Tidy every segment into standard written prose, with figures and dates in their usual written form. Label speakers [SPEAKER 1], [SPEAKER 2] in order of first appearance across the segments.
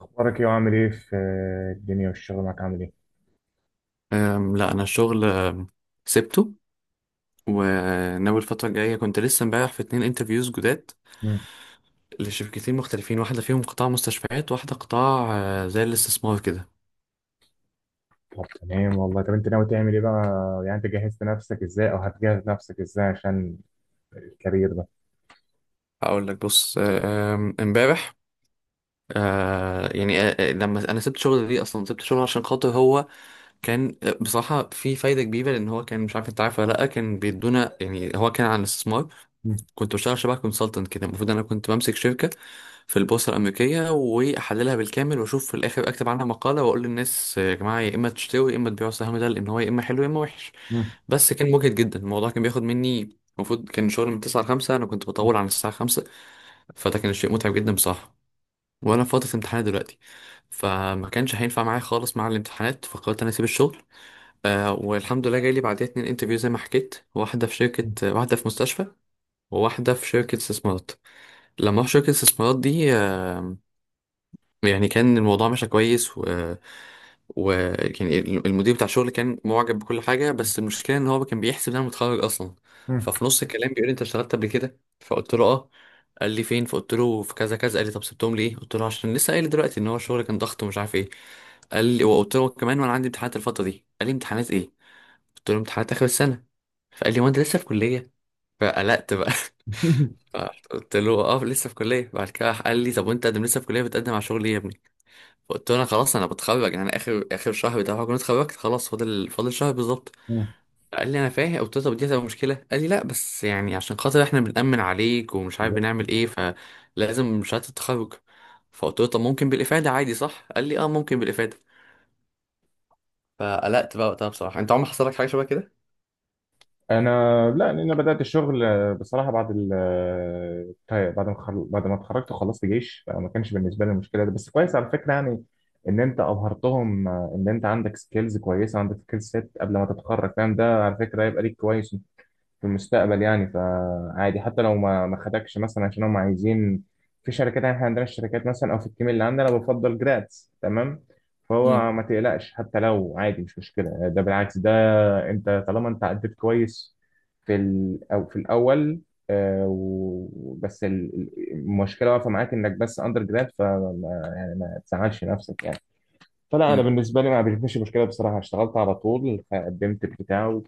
[SPEAKER 1] اخبارك ايه وعامل ايه في الدنيا والشغل معاك عامل ايه؟
[SPEAKER 2] لا انا الشغل سبته وناوي الفتره الجايه كنت لسه امبارح في اتنين انترفيوز جداد
[SPEAKER 1] مم.
[SPEAKER 2] لشركتين مختلفين واحده فيهم قطاع مستشفيات واحده قطاع زي الاستثمار كده.
[SPEAKER 1] طب تمام والله، طب انت ناوي تعمل ايه بقى؟ يعني انت جهزت نفسك ازاي او هتجهز نفسك ازاي عشان الكارير ده؟
[SPEAKER 2] اقول لك بص آه، آم، امبارح يعني لما انا سبت شغل ليه اصلا سبت شغل عشان خاطر هو كان بصراحة في فايدة كبيرة لأن هو كان مش عارف أنت عارف ولا لأ كان بيدونا يعني هو كان عن الاستثمار.
[SPEAKER 1] مم.
[SPEAKER 2] كنت بشتغل شبه كونسلتنت كده المفروض أنا كنت بمسك شركة في البورصة الأمريكية وأحللها بالكامل وأشوف في الآخر أكتب عنها مقالة وأقول للناس يا جماعة يا إما تشتروا يا إما تبيعوا السهم ده لأن هو يا إما حلو يا إما وحش.
[SPEAKER 1] مم.
[SPEAKER 2] بس كان مجهد جدا الموضوع كان بياخد مني المفروض كان شغل من 9 ل 5 أنا كنت بطول عن الساعة 5. فده كان شيء متعب جدا بصراحة وأنا في فترة امتحانات دلوقتي فما كانش هينفع معايا خالص مع الامتحانات فقررت أنا أسيب الشغل. والحمد لله جاي لي بعديها اتنين انترفيو زي ما حكيت واحدة في شركة واحدة في مستشفى وواحدة في شركة استثمارات. لما رحت شركة الاستثمارات دي يعني كان الموضوع ماشي كويس و يعني المدير بتاع الشغل كان معجب بكل حاجة بس المشكلة ان هو كان بيحسب ان انا متخرج اصلا.
[SPEAKER 1] مم.
[SPEAKER 2] ففي نص الكلام بيقول لي انت اشتغلت قبل كده؟ فقلت له اه. قال لي فين، فقلت له في كذا كذا. قال لي طب سبتهم ليه، قلت له عشان لسه قايل دلوقتي ان هو الشغل كان ضغط ومش عارف ايه. قال لي، وقلت له كمان وانا عندي امتحانات الفترة دي. قال لي امتحانات ايه، قلت له امتحانات اخر السنة. فقال لي هو انت لسه في كليه؟ فقلقت بقى. قلت له اه لسه في كليه. بعد كده راح قال لي طب وانت قدم لسه في كليه بتقدم على شغل ايه يا ابني. فقلت له انا خلاص انا بتخرج، يعني انا اخر شهر بتاع كنت اتخرجت خلاص، فاضل شهر بالظبط.
[SPEAKER 1] مم.
[SPEAKER 2] قال لي انا فاهم، قلت له طب دي هتبقى مشكله؟ قال لي لا بس يعني عشان خاطر احنا بنأمن عليك ومش عارف بنعمل ايه فلازم شهاده التخرج. فقلت له طب ممكن بالافاده عادي صح؟ قال لي اه ممكن بالافاده. فقلقت بقى وقتها بصراحه. انت عمرك حصل لك حاجه شبه كده؟
[SPEAKER 1] انا، لا، لأن انا بدات الشغل بصراحه بعد ال آه، طيب، بعد ما خل... بعد ما اتخرجت وخلصت جيش، فما كانش بالنسبه لي المشكله ده، بس كويس على فكره، يعني ان انت ابهرتهم، ان انت عندك سكيلز كويسه، عندك سكيل سيت قبل ما تتخرج، فاهم؟ ده على فكره هيبقى ليك كويس في المستقبل، يعني فعادي حتى لو ما خدكش مثلا، عشان هم عايزين في شركات، يعني احنا عندنا الشركات مثلا او في التيم اللي عندنا أنا بفضل جراتس، تمام؟
[SPEAKER 2] امم.
[SPEAKER 1] فهو ما تقلقش، حتى لو عادي مش مشكله، ده بالعكس ده، انت طالما انت عديت كويس في ال او في الاول، المشكله واقفه معاك انك بس اندر جراد، فما، يعني ما تزعلش نفسك يعني. فلا، انا
[SPEAKER 2] امم.
[SPEAKER 1] بالنسبه لي ما بيشوفش مشكله بصراحه، اشتغلت على طول قدمت البتاع،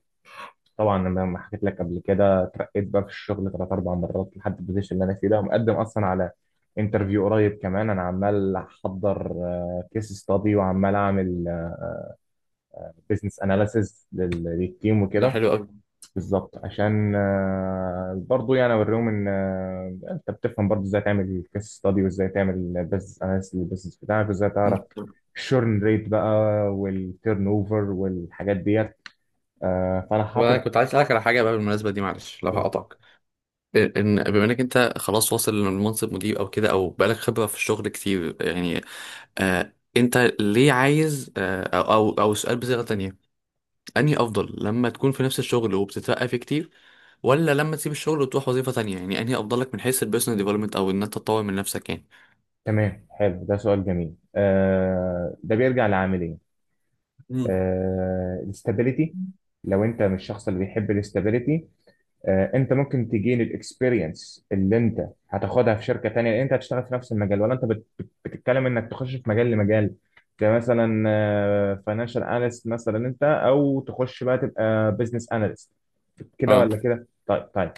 [SPEAKER 1] طبعا انا ما حكيت لك قبل كده، اترقيت بقى في الشغل ثلاث اربع مرات لحد البوزيشن اللي انا فيه ده، ومقدم اصلا على انترفيو قريب كمان، انا عمال احضر كيس ستادي وعمال اعمل بزنس اناليسز للتيم
[SPEAKER 2] ده
[SPEAKER 1] وكده،
[SPEAKER 2] حلو
[SPEAKER 1] بالظبط عشان برضو، يعني اوريهم ان انت بتفهم برضو ازاي تعمل كيس ستادي وازاي تعمل بزنس اناليسز للبزنس بتاعك، وازاي
[SPEAKER 2] قوي.
[SPEAKER 1] تعرف الشورن ريت بقى والتيرن اوفر والحاجات ديت. فانا
[SPEAKER 2] وانا
[SPEAKER 1] حاطط،
[SPEAKER 2] كنت عايز اسالك على حاجه بقى بالمناسبه دي، معلش لو هقطعك. إيه، ان بما انك انت خلاص واصل لمنصب مدير او كده او بقالك خبره في الشغل كتير يعني، انت ليه عايز او او أو سؤال بصيغه تانية، انهي افضل لما تكون في نفس الشغل وبتترقى فيه كتير ولا لما تسيب الشغل وتروح وظيفه تانية؟ يعني انهي افضل لك من حيث البيرسونال ديفلوبمنت او ان انت تطور من نفسك يعني؟
[SPEAKER 1] تمام؟ حلو، ده سؤال جميل. آه، ده بيرجع لعاملين.
[SPEAKER 2] مم.
[SPEAKER 1] الاستابيليتي، لو انت مش الشخص اللي بيحب الاستابيليتي، انت ممكن تجين الاكسبيرينس اللي انت هتاخدها في شركه تانية، لان انت هتشتغل في نفس المجال، ولا انت بت بتتكلم انك تخش في مجال لمجال، كمثلا فاينانشال اناليست مثلا انت، او تخش بقى تبقى بزنس اناليست، كده
[SPEAKER 2] اه.
[SPEAKER 1] ولا كده؟ طيب، طيب،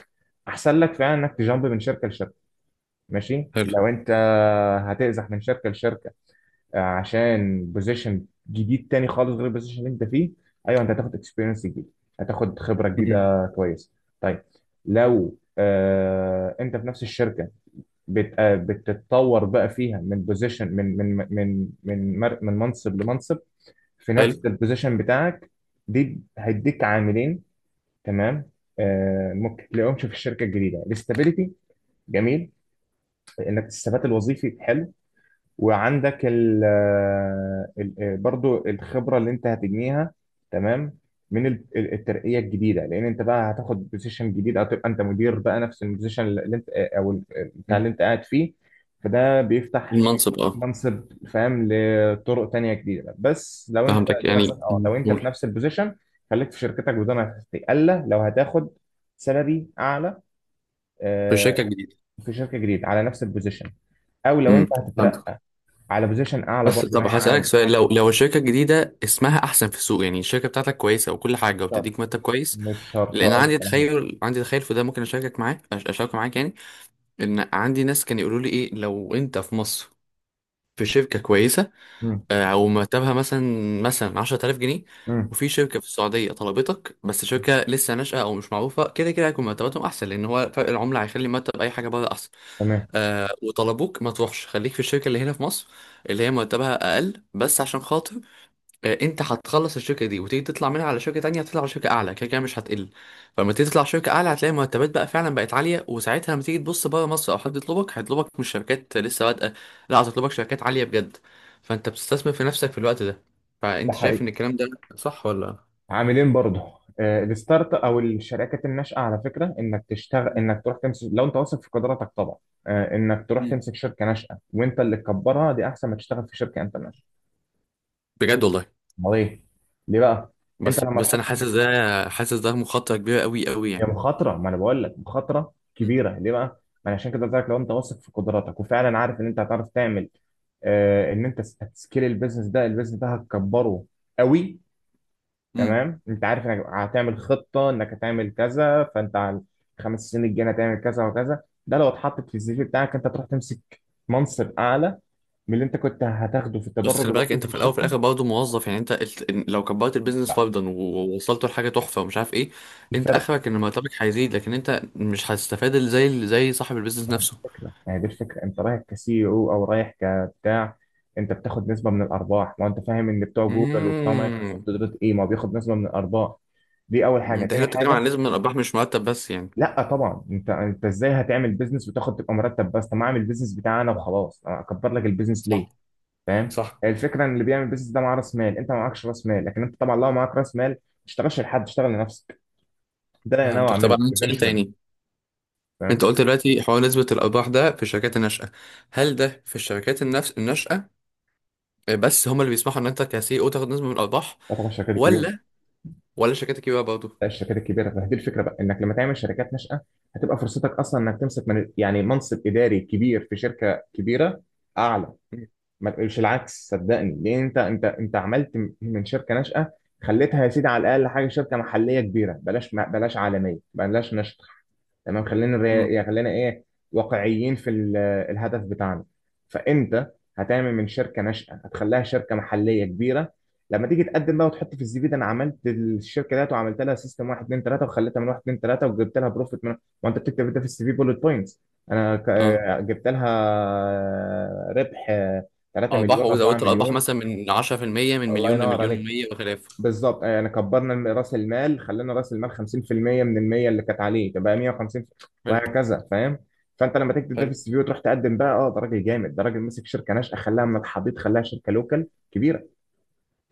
[SPEAKER 1] احسن لك فعلا انك تجامب من شركه لشركه، ماشي؟
[SPEAKER 2] حلو.
[SPEAKER 1] لو انت هتأزح من شركه لشركه عشان بوزيشن جديد تاني خالص غير البوزيشن اللي انت فيه، ايوه، انت هتاخد اكسبيرينس جديد، هتاخد خبره
[SPEAKER 2] مهم.
[SPEAKER 1] جديده كويسه. طيب، لو انت في نفس الشركه، بت آه بتتطور بقى فيها من بوزيشن، من منصب لمنصب في
[SPEAKER 2] حلو.
[SPEAKER 1] نفس البوزيشن بتاعك، دي هيديك عاملين، تمام؟ آه، ممكن تلاقيهمش في الشركه الجديده الاستابيليتي، جميل، انك الثبات الوظيفي حلو، وعندك برضو الخبرة اللي انت هتجنيها، تمام؟ من الترقية الجديدة، لان انت بقى هتاخد بوزيشن جديد، او تبقى انت مدير بقى نفس البوزيشن اللي انت آه، او ال- آه، بتاع
[SPEAKER 2] مم.
[SPEAKER 1] اللي انت قاعد فيه، فده بيفتح
[SPEAKER 2] المنصب اه.
[SPEAKER 1] منصب، فاهم؟ لطرق تانية جديدة. بس لو انت،
[SPEAKER 2] فهمتك
[SPEAKER 1] دي نصيحة،
[SPEAKER 2] يعني.
[SPEAKER 1] اه لو
[SPEAKER 2] مم.
[SPEAKER 1] انت في
[SPEAKER 2] قول.
[SPEAKER 1] نفس البوزيشن خليك في شركتك، وده ما الا لو هتاخد سالري اعلى،
[SPEAKER 2] في
[SPEAKER 1] آه،
[SPEAKER 2] شركه جديده.
[SPEAKER 1] في شركة جديدة على نفس البوزيشن، او لو انت
[SPEAKER 2] امم.
[SPEAKER 1] هتترقى على بوزيشن اعلى
[SPEAKER 2] بس
[SPEAKER 1] برضه ما
[SPEAKER 2] طب
[SPEAKER 1] هي
[SPEAKER 2] هسألك
[SPEAKER 1] عاني.
[SPEAKER 2] سؤال، لو الشركة الجديدة اسمها أحسن في السوق يعني الشركة بتاعتك كويسة وكل
[SPEAKER 1] مش
[SPEAKER 2] حاجة
[SPEAKER 1] شرط،
[SPEAKER 2] وبتديك مرتب كويس.
[SPEAKER 1] مش شرط
[SPEAKER 2] لأن
[SPEAKER 1] اقول
[SPEAKER 2] عندي
[SPEAKER 1] الكلام ده،
[SPEAKER 2] تخيل عندي تخيل في ده ممكن أشارك معاك يعني. إن عندي ناس كانوا يقولوا لي إيه لو أنت في مصر في شركة كويسة
[SPEAKER 1] امم
[SPEAKER 2] أو مرتبها مثلا مثلا 10,000 جنيه،
[SPEAKER 1] امم
[SPEAKER 2] وفي شركة في السعودية طلبتك بس شركة لسه ناشئة أو مش معروفة، كده كده هيكون مرتباتهم أحسن لأن هو فرق العملة هيخلي مرتب أي حاجة بره أحسن.
[SPEAKER 1] تمام.
[SPEAKER 2] وطلبوك، ما تروحش، خليك في الشركة اللي هنا في مصر اللي هي مرتبها اقل بس عشان خاطر انت هتخلص الشركه دي وتيجي تطلع منها على شركه تانية، هتطلع على شركه اعلى كده كده مش هتقل. فلما تيجي تطلع على شركه اعلى هتلاقي مرتبات بقى فعلا بقت عاليه، وساعتها لما تيجي تبص بره مصر او حد يطلبك هيطلبك مش شركات لسه بادئه، لا هتطلبك شركات عاليه بجد. فانت بتستثمر في نفسك في الوقت ده.
[SPEAKER 1] ده
[SPEAKER 2] فانت شايف
[SPEAKER 1] حقيقي،
[SPEAKER 2] ان الكلام ده صح ولا؟
[SPEAKER 1] عاملين برضه، الستارت او الشركات الناشئه، على فكره انك تشتغل، انك تروح تمسك، لو انت واثق في قدراتك طبعا، انك تروح
[SPEAKER 2] مم.
[SPEAKER 1] تمسك شركه ناشئه وانت اللي تكبرها، دي احسن ما تشتغل في شركه انت ناشئه،
[SPEAKER 2] بجد والله.
[SPEAKER 1] امال ايه؟ ليه بقى؟ انت
[SPEAKER 2] بس
[SPEAKER 1] لما
[SPEAKER 2] بس انا
[SPEAKER 1] تحط،
[SPEAKER 2] حاسس ده مخاطره كبيره قوي قوي
[SPEAKER 1] هي
[SPEAKER 2] يعني.
[SPEAKER 1] مخاطرة، ما انا بقول لك مخاطرة كبيرة ليه بقى؟ ما انا عشان كده قلت لك، لو انت واثق في قدراتك، وفعلا عارف ان انت هتعرف تعمل، آه، ان انت هتسكيل البيزنس ده، البيزنس ده هتكبره قوي،
[SPEAKER 2] مم.
[SPEAKER 1] تمام؟ انت عارف انك هتعمل خطة، انك هتعمل كذا، فانت على الخمس سنين الجاية هتعمل كذا وكذا، ده لو اتحطت في السي في بتاعك، انت تروح تمسك منصب اعلى من اللي انت كنت هتاخده في
[SPEAKER 2] بس
[SPEAKER 1] التدرج
[SPEAKER 2] خلي بالك
[SPEAKER 1] الوظيفي
[SPEAKER 2] انت
[SPEAKER 1] في
[SPEAKER 2] في الاول وفي
[SPEAKER 1] الشركة.
[SPEAKER 2] الاخر برضه موظف، يعني انت لو كبرت البيزنس
[SPEAKER 1] لا،
[SPEAKER 2] فرضا ووصلته لحاجه تحفه ومش عارف ايه، انت
[SPEAKER 1] الفرق،
[SPEAKER 2] اخرك ان مرتبك هيزيد لكن انت مش هتستفاد زي زي صاحب البيزنس نفسه.
[SPEAKER 1] الفكرة يعني، دي الفكرة، انت رايح كسي، او رايح كبتاع، انت بتاخد نسبة من الارباح، ما انت فاهم ان بتوع جوجل وبتوع مايكروسوفت
[SPEAKER 2] امم.
[SPEAKER 1] دول، ايه ما بياخد نسبة من الارباح، دي اول حاجة.
[SPEAKER 2] انت
[SPEAKER 1] تاني
[SPEAKER 2] هنا بتتكلم
[SPEAKER 1] حاجة،
[SPEAKER 2] عن نسبه من الارباح مش مرتب بس يعني؟
[SPEAKER 1] لا طبعا، انت ازاي هتعمل بيزنس وتاخد، تبقى مرتب بس؟ طب ما اعمل بيزنس بتاعي انا وخلاص، انا اكبر لك البيزنس ليه؟
[SPEAKER 2] صح.
[SPEAKER 1] فاهم؟
[SPEAKER 2] صح.
[SPEAKER 1] الفكرة ان اللي بيعمل بيزنس ده معاه راس مال، انت ما معكش راس مال، لكن انت طبعا لو معاك راس مال ما تشتغلش لحد، اشتغل لنفسك، ده اللي انا ناوي
[SPEAKER 2] فهمتك. طبعا
[SPEAKER 1] اعمله
[SPEAKER 2] عندي سؤال
[SPEAKER 1] ايفينشولي.
[SPEAKER 2] تاني.
[SPEAKER 1] فاهم؟
[SPEAKER 2] انت قلت دلوقتي حوار نسبه الارباح ده في الشركات الناشئه، هل ده في الشركات النفس الناشئه بس هم اللي بيسمحوا ان انت كسي او تاخد نسبه من الارباح،
[SPEAKER 1] ده طبعا شركات كبيرة،
[SPEAKER 2] ولا؟ ولا الشركات الكبيره برضه؟
[SPEAKER 1] لا الشركات الكبيره، فدي الفكره بقى، انك لما تعمل شركات ناشئه هتبقى فرصتك اصلا انك تمسك من، يعني منصب اداري كبير في شركه كبيره اعلى، ما تقولش العكس صدقني، لان انت عملت من شركه ناشئه، خليتها يا سيدي على الاقل حاجه شركه محليه كبيره، بلاش، بلاش عالميه، بلاش ناشئه، تمام؟
[SPEAKER 2] امم.
[SPEAKER 1] يعني خلينا ايه، واقعيين في الهدف بتاعنا، فانت هتعمل من شركه ناشئه هتخليها شركه محليه كبيره، لما تيجي تقدم بقى وتحط في السي في، ده انا عملت الشركه ديت وعملت لها سيستم 1 2 3 وخليتها من 1 2 3 وجبت لها بروفيت من، وانت بتكتب ده في السي في بولت بوينتس، انا جبت لها ربح 3
[SPEAKER 2] أرباح
[SPEAKER 1] مليون 4
[SPEAKER 2] وزودت الأرباح
[SPEAKER 1] مليون،
[SPEAKER 2] مثلا من 10%، من
[SPEAKER 1] الله
[SPEAKER 2] مليون
[SPEAKER 1] ينور
[SPEAKER 2] لمليون
[SPEAKER 1] عليك،
[SPEAKER 2] ومية وخلافه.
[SPEAKER 1] بالظبط. يعني كبرنا راس المال، خلينا راس المال 50% من ال 100 اللي كانت عليه تبقى 150،
[SPEAKER 2] حلو.
[SPEAKER 1] وهكذا، فاهم؟ فانت لما تكتب ده في
[SPEAKER 2] حلو.
[SPEAKER 1] السي في وتروح تقدم بقى، اه ده راجل جامد، ده راجل مسك شركه ناشئه خلاها من الحضيض، خلاها شركه لوكال كبيره،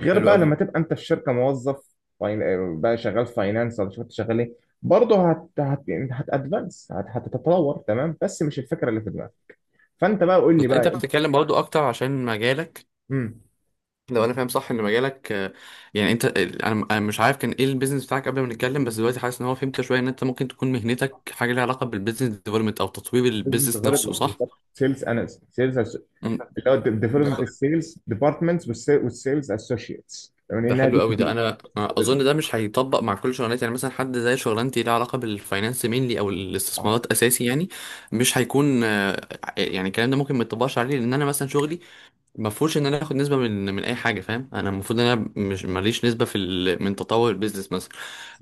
[SPEAKER 1] غير
[SPEAKER 2] حلو
[SPEAKER 1] بقى
[SPEAKER 2] قوي.
[SPEAKER 1] لما تبقى انت في شركه موظف، بقى شغال فاينانس ولا شوف انت شغال ايه، برضه هتتطور، تمام؟ بس مش الفكره اللي في دماغك، فانت بقى قول لي
[SPEAKER 2] بس أنت
[SPEAKER 1] بقى.
[SPEAKER 2] بتتكلم برضو أكتر عشان مجالك.
[SPEAKER 1] امم
[SPEAKER 2] لو أنا فاهم صح إن مجالك يعني أنت، أنا مش عارف كان إيه البيزنس بتاعك قبل ما نتكلم بس دلوقتي حاسس إن هو، فهمت شوية، إن أنت ممكن تكون مهنتك حاجة ليها علاقة بالبيزنس ديفلوبمنت أو تطوير
[SPEAKER 1] بزنس
[SPEAKER 2] البيزنس نفسه
[SPEAKER 1] ديفلوبمنت
[SPEAKER 2] صح؟
[SPEAKER 1] بالظبط، سيلز اناليست، سيلز،
[SPEAKER 2] أمم،
[SPEAKER 1] اللي هو ديفلوبمنت
[SPEAKER 2] بالظبط.
[SPEAKER 1] السيلز ديبارتمنتس والسيلز اسوشيتس، يعني
[SPEAKER 2] ده
[SPEAKER 1] انها بي
[SPEAKER 2] حلو
[SPEAKER 1] تو
[SPEAKER 2] قوي. ده
[SPEAKER 1] بي،
[SPEAKER 2] انا اظن ده مش هيطبق مع كل شغلانات، يعني مثلا حد زي شغلانتي ليها علاقه بالفاينانس مينلي او
[SPEAKER 1] بتاعت.
[SPEAKER 2] الاستثمارات اساسي يعني مش هيكون يعني الكلام ده ممكن ما يطبقش عليه لان انا مثلا شغلي ما فيهوش ان انا اخد نسبه من اي حاجه، فاهم، انا المفروض ان انا مش ماليش نسبه في من تطور البيزنس مثلا.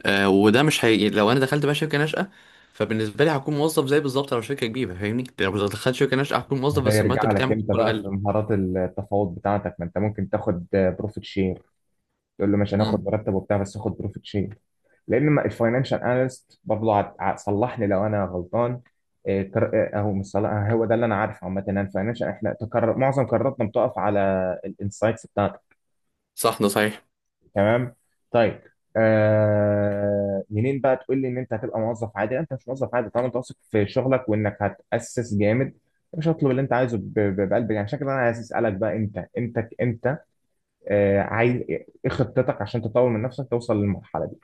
[SPEAKER 2] وده مش هي، لو انا دخلت بقى شركه ناشئه فبالنسبه لي هكون موظف زي بالظبط لو شركه كبيره، فاهمني، لو دخلت شركه ناشئه هكون موظف
[SPEAKER 1] ده
[SPEAKER 2] بس المرتب
[SPEAKER 1] يرجع
[SPEAKER 2] بتاعي
[SPEAKER 1] لك
[SPEAKER 2] ممكن
[SPEAKER 1] انت
[SPEAKER 2] يكون
[SPEAKER 1] بقى في
[SPEAKER 2] اقل.
[SPEAKER 1] مهارات التفاوض بتاعتك، ما انت ممكن تاخد بروفيت شير، تقول له مش هناخد
[SPEAKER 2] مم.
[SPEAKER 1] مرتب وبتاع، بس خد بروفيت شير، لان ما الفاينانشال اناليست برضه، صلحني لو انا غلطان، اهو مش صلاح، هو ده اللي انا عارفه عامه، ان الفاينانشال احنا تكرر معظم قراراتنا بتقف على الانسايتس،
[SPEAKER 2] صح ده صحيح.
[SPEAKER 1] تمام؟ طيب، آه منين بقى تقول لي ان انت هتبقى موظف عادي؟ لا، انت مش موظف عادي طالما انت واثق في شغلك، وانك هتاسس جامد، مش هطلب اللي انت عايزه بقلب، يعني عشان كده انا عايز اسالك بقى، انت انت انت آه عايز ايه؟ إيه خطتك عشان تطور من نفسك توصل للمرحله دي؟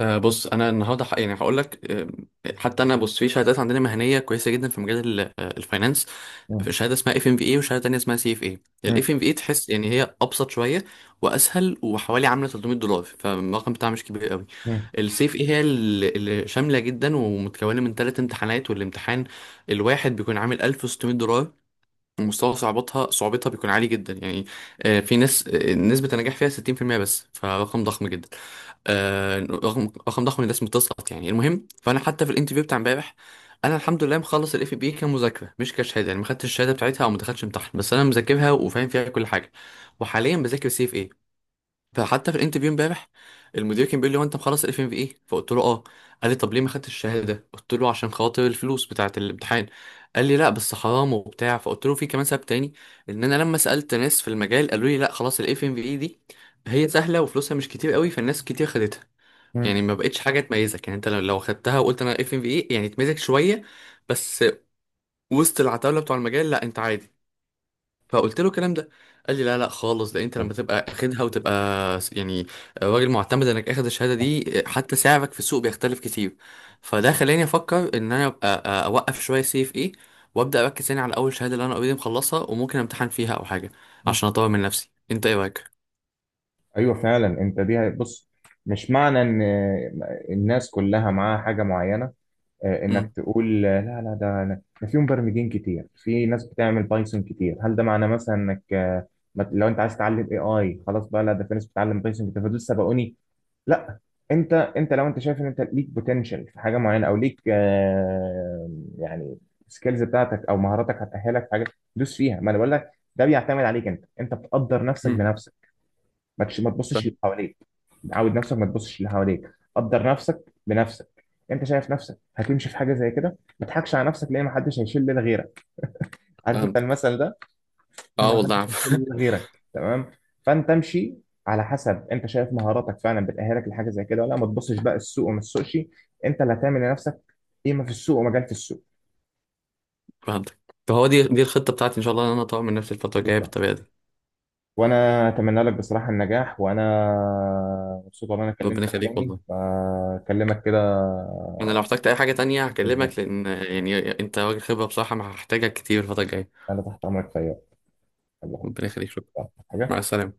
[SPEAKER 2] أه بص انا النهارده يعني هقول لك، حتى انا بص في شهادات عندنا مهنيه كويسه جدا في مجال ال- أه، الفاينانس.
[SPEAKER 1] مم.
[SPEAKER 2] في شهاده اسمها اف ام في اي وشهاده تانيه اسمها سي اف اي.
[SPEAKER 1] مم.
[SPEAKER 2] الاف ام في اي تحس يعني هي ابسط شويه واسهل وحوالي عامله 300 دولار، فالرقم بتاعها مش كبير قوي.
[SPEAKER 1] مم.
[SPEAKER 2] السي اف اي هي اللي شامله جدا ومتكونه من ثلاث امتحانات، والامتحان الواحد بيكون عامل 1600 دولار ومستوى صعوبتها بيكون عالي جدا يعني. في ناس نسبة النجاح فيها 60% بس، فرقم ضخم جدا. رقم ضخم، الناس بتسقط يعني، المهم فانا حتى في الانترفيو بتاع امبارح، انا الحمد لله مخلص الاف بي كمذاكره مش كشهاده، يعني ما خدتش الشهاده بتاعتها او ما دخلتش امتحان بس انا مذاكرها وفاهم فيها كل حاجه، وحاليا بذاكر سي اف اي. فحتى في الانترفيو امبارح المدير كان بيقول لي هو انت مخلص الاف ام في ايه؟ فقلت له اه. قال لي طب ليه ما خدتش الشهاده؟ قلت له عشان خاطر الفلوس بتاعه الامتحان. قال لي لا بس حرام وبتاع، فقلت له في كمان سبب تاني، ان انا لما سالت ناس في المجال قالوا لي لا خلاص الاف ام في ايه دي هي سهله وفلوسها مش كتير قوي فالناس كتير خدتها،
[SPEAKER 1] مم.
[SPEAKER 2] يعني ما بقتش حاجه تميزك، يعني انت لو خدتها وقلت انا اف ام في ايه يعني تميزك شويه بس، وسط العتاوله بتوع المجال لا انت عادي. فقلت له الكلام ده، قال لي لا لا خالص، ده انت
[SPEAKER 1] طب.
[SPEAKER 2] لما تبقى اخدها وتبقى يعني راجل معتمد انك اخد الشهاده دي حتى سعرك في السوق بيختلف كتير. فده خلاني افكر ان انا ابقى اوقف شويه سي اف ايه وابدا اركز تاني على اول شهاده اللي انا اوريدي مخلصها وممكن امتحن فيها او حاجه
[SPEAKER 1] مم.
[SPEAKER 2] عشان اطور من نفسي. انت ايه رايك؟
[SPEAKER 1] ايوه فعلا، انت، دي بص، مش معنى ان الناس كلها معاها حاجه معينه، انك
[SPEAKER 2] امم.
[SPEAKER 1] تقول، لا لا، ده في مبرمجين كتير، في ناس بتعمل بايثون كتير، هل ده معناه مثلا انك، لو انت عايز تتعلم اي اي، خلاص بقى، لا ده في ناس بتتعلم بايثون كتير فدول سبقوني، لا، انت لو انت شايف ان انت ليك بوتنشال في حاجه معينه، او ليك يعني سكيلز بتاعتك او مهاراتك هتاهلك في حاجه، دوس فيها، ما انا بقول لك ده بيعتمد عليك انت، انت بتقدر نفسك
[SPEAKER 2] أمم.
[SPEAKER 1] بنفسك، ما تبصش اللي
[SPEAKER 2] فاهم-.
[SPEAKER 1] حواليك، عود نفسك ما تبصش اللي حواليك، قدر نفسك بنفسك، انت شايف نفسك هتمشي في حاجه زي كده ما تضحكش على نفسك، لان ما حدش هيشيل ليلة غيرك، عارف انت
[SPEAKER 2] فهمتك.
[SPEAKER 1] المثل ده؟
[SPEAKER 2] اه
[SPEAKER 1] انا، ما
[SPEAKER 2] والله
[SPEAKER 1] حدش هيشيل
[SPEAKER 2] عارف.
[SPEAKER 1] ليلة غيرك، تمام؟ فانت امشي على حسب انت شايف مهاراتك فعلا بتأهلك لحاجه زي كده ولا لا. ما تبصش بقى السوق، وما تسوقش، انت اللي هتعمل لنفسك قيمه في السوق ومجال في السوق،
[SPEAKER 2] فهمتك. فهو دي الخطه بتاعتي ان شاء الله، ان انا اطور من نفسي الفتره الجايه
[SPEAKER 1] بالظبط.
[SPEAKER 2] بالطريقه دي.
[SPEAKER 1] وانا اتمنى لك بصراحه النجاح، وانا مبسوط ان انا
[SPEAKER 2] ربنا
[SPEAKER 1] كلمتك
[SPEAKER 2] يخليك
[SPEAKER 1] تاني
[SPEAKER 2] والله.
[SPEAKER 1] فاكلمك كده،
[SPEAKER 2] انا لو احتجت اي حاجه تانية
[SPEAKER 1] بالظبط.
[SPEAKER 2] هكلمك، لان يعني انت راجل خبره بصراحه، ما هحتاجك كتير الفتره الجايه.
[SPEAKER 1] انا تحت امرك في اي وقت. الله،
[SPEAKER 2] ربنا يخليك. شكرا. مع
[SPEAKER 1] حاجه.
[SPEAKER 2] السلامه.